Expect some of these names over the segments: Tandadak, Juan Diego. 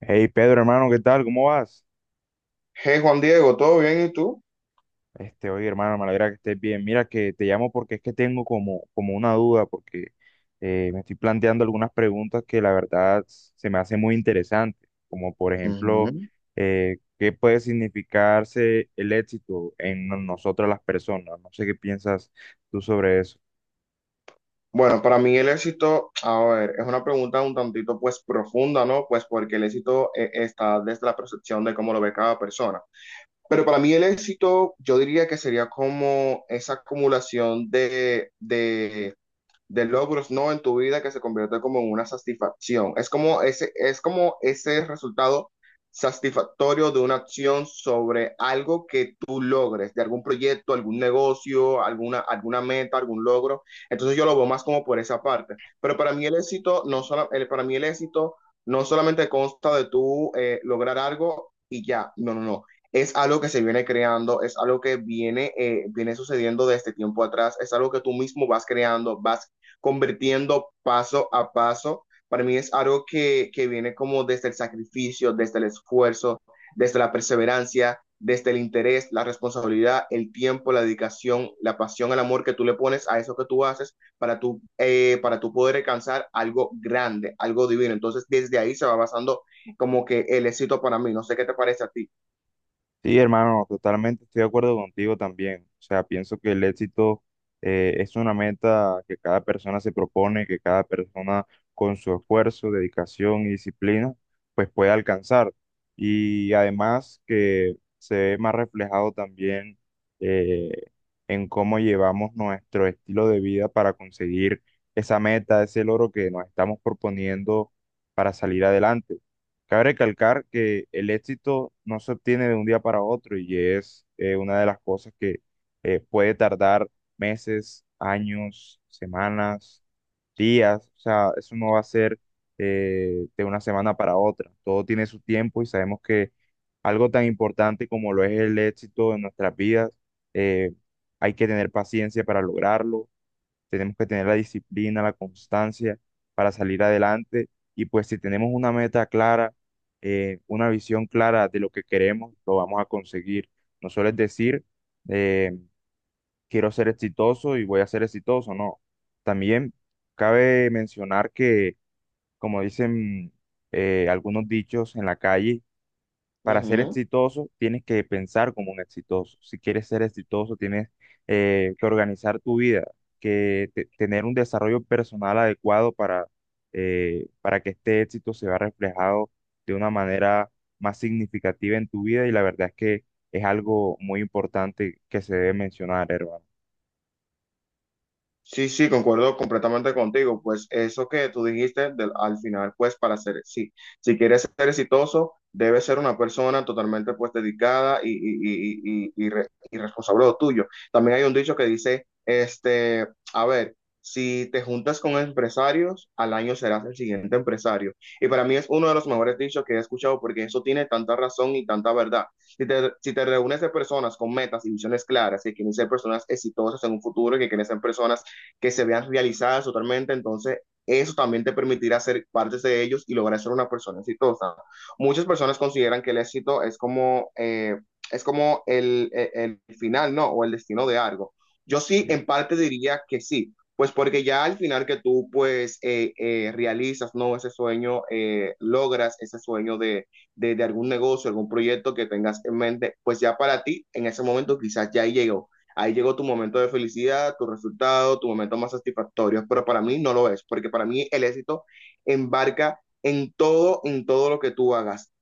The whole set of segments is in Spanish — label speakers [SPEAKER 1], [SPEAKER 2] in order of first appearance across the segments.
[SPEAKER 1] Hey Pedro, hermano, ¿qué tal? ¿Cómo vas?
[SPEAKER 2] Hey Juan Diego, ¿todo bien? ¿Y tú?
[SPEAKER 1] Este, oye, hermano, me alegra que estés bien. Mira que te llamo porque es que tengo como una duda, porque me estoy planteando algunas preguntas que la verdad se me hacen muy interesantes, como por ejemplo,
[SPEAKER 2] Ujú.
[SPEAKER 1] ¿qué puede significarse el éxito en nosotras las personas? No sé qué piensas tú sobre eso.
[SPEAKER 2] Bueno, para mí el éxito, a ver, es una pregunta un tantito pues profunda, ¿no? Pues porque el éxito está desde la percepción de cómo lo ve cada persona. Pero para mí el éxito, yo diría que sería como esa acumulación de logros, ¿no? En tu vida que se convierte como en una satisfacción. Es como ese resultado satisfactorio de una acción sobre algo que tú logres, de algún proyecto, algún negocio, alguna, alguna meta, algún logro. Entonces yo lo veo más como por esa parte. Pero para mí el éxito no solo, el, para mí el éxito no solamente consta de tú lograr algo y ya, no, no, no. Es algo que se viene creando, es algo que viene, viene sucediendo desde tiempo atrás, es algo que tú mismo vas creando, vas convirtiendo paso a paso. Para mí es algo que viene como desde el sacrificio, desde el esfuerzo, desde la perseverancia, desde el interés, la responsabilidad, el tiempo, la dedicación, la pasión, el amor que tú le pones a eso que tú haces para tú poder alcanzar algo grande, algo divino. Entonces, desde ahí se va basando como que el éxito para mí. No sé qué te parece a ti.
[SPEAKER 1] Sí, hermano, totalmente estoy de acuerdo contigo también. O sea, pienso que el éxito es una meta que cada persona se propone, que cada persona con su esfuerzo, dedicación y disciplina, pues puede alcanzar. Y además que se ve más reflejado también, eh, en cómo llevamos nuestro estilo de vida para conseguir esa meta, ese logro que nos estamos proponiendo para salir adelante. Cabe recalcar que el éxito no se obtiene de un día para otro y es, una de las cosas que puede tardar meses, años, semanas, días. O sea, eso no va a ser, de una semana para otra. Todo tiene su tiempo y sabemos que algo tan importante como lo es el éxito en nuestras vidas, eh, hay que tener paciencia para lograrlo. Tenemos que tener la disciplina, la constancia para salir adelante, y pues si tenemos una meta clara, una visión clara de lo que queremos, lo vamos a conseguir. No solo es decir, eh, quiero ser exitoso y voy a ser exitoso, no. También cabe mencionar que, como dicen, algunos dichos en la calle,
[SPEAKER 2] Uh
[SPEAKER 1] para ser
[SPEAKER 2] -huh.
[SPEAKER 1] exitoso, tienes que pensar como un exitoso. Si quieres ser exitoso, tienes, que organizar tu vida, que tener un desarrollo personal adecuado para que este éxito se vea reflejado de una manera más significativa en tu vida. Y la verdad es que es algo muy importante que se debe mencionar, hermano.
[SPEAKER 2] Sí, sí, concuerdo completamente contigo. Pues eso que tú dijiste al final, pues para ser, sí, si quieres ser exitoso, debes ser una persona totalmente pues dedicada y responsable de lo tuyo. También hay un dicho que dice, este, a ver, si te juntas con empresarios, al año serás el siguiente empresario. Y para mí es uno de los mejores dichos que he escuchado porque eso tiene tanta razón y tanta verdad. Si te reúnes de personas con metas y visiones claras que quieren ser personas exitosas en un futuro, que quieren ser personas que se vean realizadas totalmente, entonces eso también te permitirá ser parte de ellos y lograr ser una persona exitosa. Muchas personas consideran que el éxito es como el final, ¿no? O el destino de algo. Yo sí,
[SPEAKER 1] Sí.
[SPEAKER 2] en parte diría que sí, pues porque ya al final que tú pues realizas, ¿no? Ese sueño, logras ese sueño de algún negocio, algún proyecto que tengas en mente, pues ya para ti en ese momento quizás ya llegó ahí llegó tu momento de felicidad, tu resultado, tu momento más satisfactorio, pero para mí no lo es, porque para mí el éxito embarca en todo lo que tú hagas,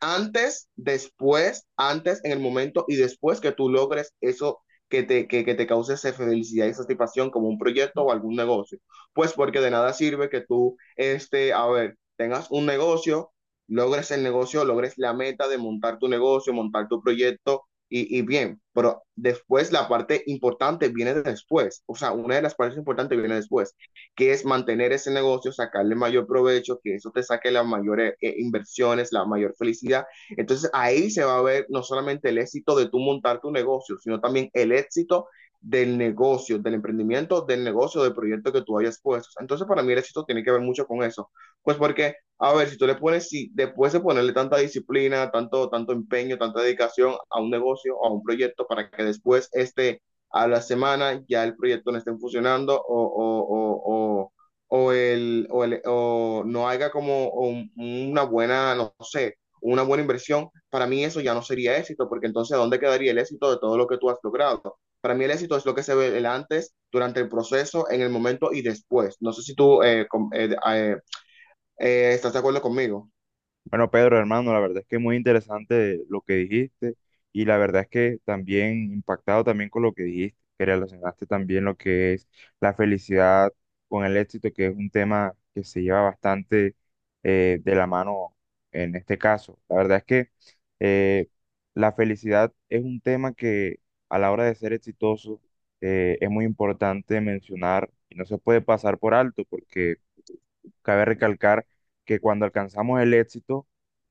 [SPEAKER 2] antes, después, antes, en el momento y después que tú logres eso que te cause esa felicidad y satisfacción como un proyecto o algún negocio. Pues porque de nada sirve que tú, este, a ver, tengas un negocio, logres el negocio, logres la meta de montar tu negocio, montar tu proyecto y bien, pero después la parte importante viene después, o sea, una de las partes importantes viene después que es mantener ese negocio, sacarle mayor provecho, que eso te saque las mayores inversiones, la mayor felicidad. Entonces ahí se va a ver no solamente el éxito de tú montar tu negocio, sino también el éxito del negocio, del emprendimiento, del negocio, del proyecto que tú hayas puesto. Entonces, para mí el éxito tiene que ver mucho con eso. Pues porque, a ver, si tú le pones, si después de ponerle tanta disciplina, tanto, tanto empeño, tanta dedicación a un negocio, a un proyecto, para que después este a la semana ya el proyecto no esté funcionando o el, o, el, o no haga como una buena, no sé, una buena inversión, para mí eso ya no sería éxito, porque entonces ¿dónde quedaría el éxito de todo lo que tú has logrado? Para mí el éxito es lo que se ve el antes, durante el proceso, en el momento y después. No sé si tú eh, eh, estás de acuerdo conmigo.
[SPEAKER 1] Bueno, Pedro, hermano, la verdad es que muy interesante lo que dijiste, y la verdad es que también impactado también con lo que dijiste, que relacionaste también lo que es la felicidad con el éxito, que es un tema que se lleva bastante, de la mano en este caso. La verdad es que, eh, la felicidad es un tema que a la hora de ser exitoso, es muy importante mencionar y no se puede pasar por alto porque cabe recalcar que cuando alcanzamos el éxito,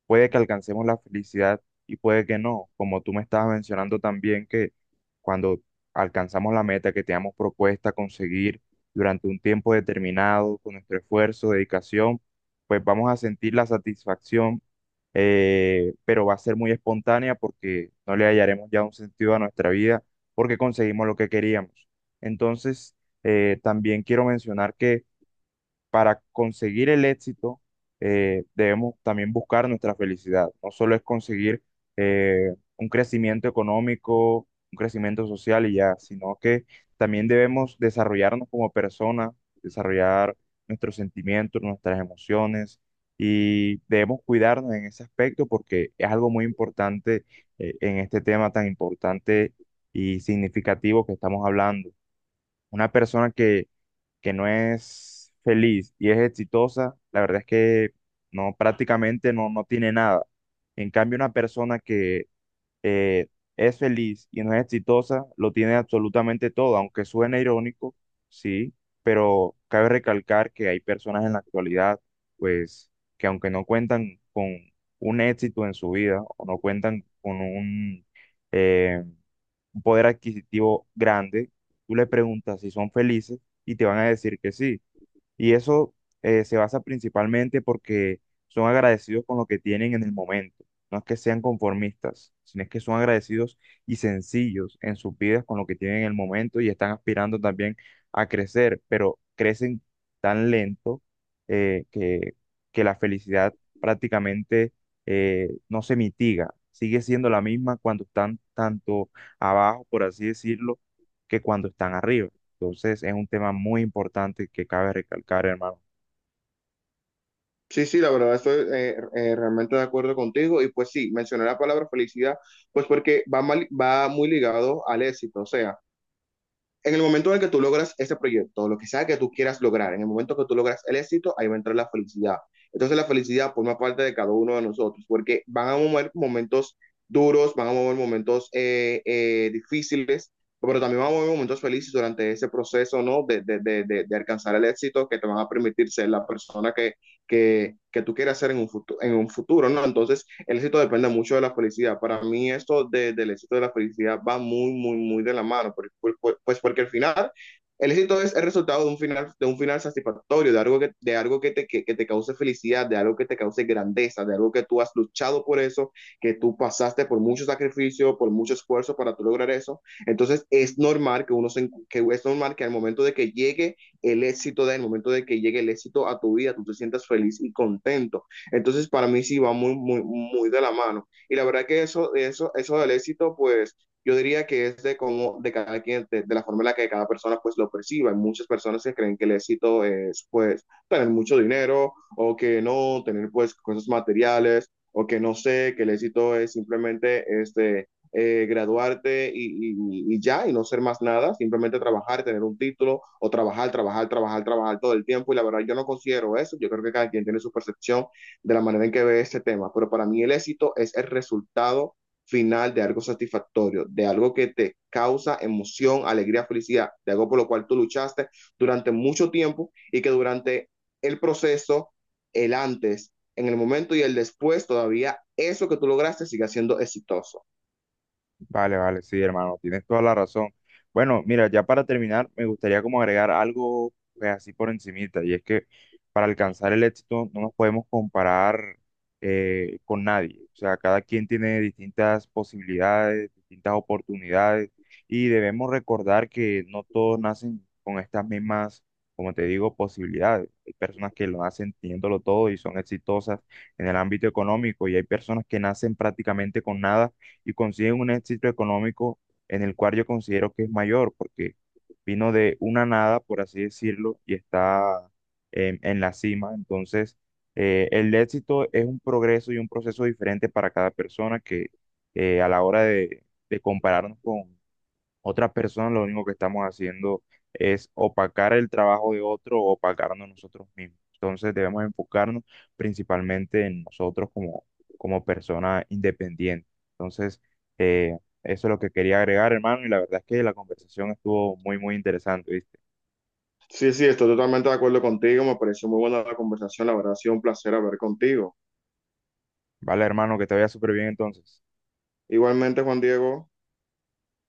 [SPEAKER 1] puede que alcancemos la felicidad y puede que no, como tú me estabas mencionando también, que cuando alcanzamos la meta que teníamos propuesta conseguir durante un tiempo determinado, con nuestro esfuerzo, dedicación, pues vamos a sentir la satisfacción, pero va a ser muy espontánea porque no le hallaremos ya un sentido a nuestra vida porque conseguimos lo que queríamos. Entonces, también quiero mencionar que para conseguir el éxito, debemos también buscar nuestra felicidad. No solo es conseguir, un crecimiento económico, un crecimiento social y ya, sino que también debemos desarrollarnos como personas, desarrollar nuestros sentimientos, nuestras emociones, y debemos cuidarnos en ese aspecto porque es algo muy importante, en este tema tan importante y significativo que estamos hablando. Una persona que no es feliz y es exitosa, la verdad es que no, prácticamente no, no tiene nada. En cambio, una persona que, eh, es feliz y no es exitosa, lo tiene absolutamente todo, aunque suene irónico, sí, pero cabe recalcar que hay personas en la actualidad, pues, que aunque no cuentan con un éxito en su vida o no cuentan con eh, un poder adquisitivo grande, tú le preguntas si son felices y te van a decir que sí. Y eso, se basa principalmente porque son agradecidos con lo que tienen en el momento. No es que sean conformistas, sino es que son agradecidos y sencillos en sus vidas con lo que tienen en el momento, y están aspirando también a crecer, pero crecen tan lento, eh, que, que la felicidad prácticamente, no se mitiga. Sigue siendo la misma cuando están tanto abajo, por así decirlo, que cuando están arriba. Entonces, es un tema muy importante que cabe recalcar, hermano.
[SPEAKER 2] Sí, sí, la verdad estoy realmente de acuerdo contigo y pues sí, mencioné la palabra felicidad pues porque va, va muy ligado al éxito, o sea, en el momento en el que tú logras ese proyecto, lo que sea que tú quieras lograr, en el momento que tú logras el éxito, ahí va a entrar la felicidad. Entonces la felicidad forma parte de cada uno de nosotros, porque van a mover momentos duros, van a mover momentos difíciles, pero también van a mover momentos felices durante ese proceso, ¿no? De alcanzar el éxito que te van a permitir ser la persona que tú quieras ser en un futuro, ¿no? Entonces, el éxito depende mucho de la felicidad. Para mí esto de, del éxito de la felicidad va muy, muy, muy de la mano, pues porque al final el éxito es el resultado de un final satisfactorio, de algo que te cause felicidad, de algo que te cause grandeza, de algo que tú has luchado por eso, que tú pasaste por mucho sacrificio, por mucho esfuerzo para tú lograr eso. Entonces es normal que uno se, que es normal que al momento de que llegue el éxito, del momento de que llegue el éxito a tu vida, tú te sientas feliz y contento. Entonces, para mí sí va muy, muy, muy de la mano. Y la verdad que eso del éxito, pues yo diría que es de cómo, de cada quien, de la forma en la que cada persona pues lo perciba. Hay muchas personas que creen que el éxito es pues tener mucho dinero o que no, tener pues cosas materiales o que no sé, que el éxito es simplemente este, graduarte y ya, y no ser más nada, simplemente trabajar, tener un título o trabajar, trabajar, trabajar, trabajar todo el tiempo. Y la verdad, yo no considero eso. Yo creo que cada quien tiene su percepción de la manera en que ve este tema, pero para mí el éxito es el resultado final de algo satisfactorio, de algo que te causa emoción, alegría, felicidad, de algo por lo cual tú luchaste durante mucho tiempo y que durante el proceso, el antes, en el momento y el después, todavía eso que tú lograste siga siendo exitoso.
[SPEAKER 1] Vale, vale, sí, hermano, tienes toda la razón. Bueno, mira, ya para terminar, me gustaría como agregar algo, pues, así por encimita, y es que para alcanzar el éxito no nos podemos comparar, con nadie. O sea, cada quien tiene distintas posibilidades, distintas oportunidades, y debemos recordar que no todos nacen con estas mismas, como te digo, posibilidades. Hay personas que lo nacen teniéndolo todo y son exitosas en el ámbito económico, y hay personas que nacen prácticamente con nada y consiguen un éxito económico en el cual yo considero que es mayor, porque vino de una nada, por así decirlo, y está en la cima. Entonces, el éxito es un progreso y un proceso diferente para cada persona que, a la hora de compararnos con otras personas, lo único que estamos haciendo es opacar el trabajo de otro o opacarnos nosotros mismos. Entonces debemos enfocarnos principalmente en nosotros como, como persona independiente. Entonces, eh, eso es lo que quería agregar, hermano, y la verdad es que la conversación estuvo muy, muy interesante, ¿viste?
[SPEAKER 2] Sí, sí, estoy totalmente de acuerdo contigo, me pareció muy buena la conversación, la verdad ha sido un placer hablar contigo.
[SPEAKER 1] Vale, hermano, que te vaya súper bien entonces.
[SPEAKER 2] Igualmente, Juan Diego.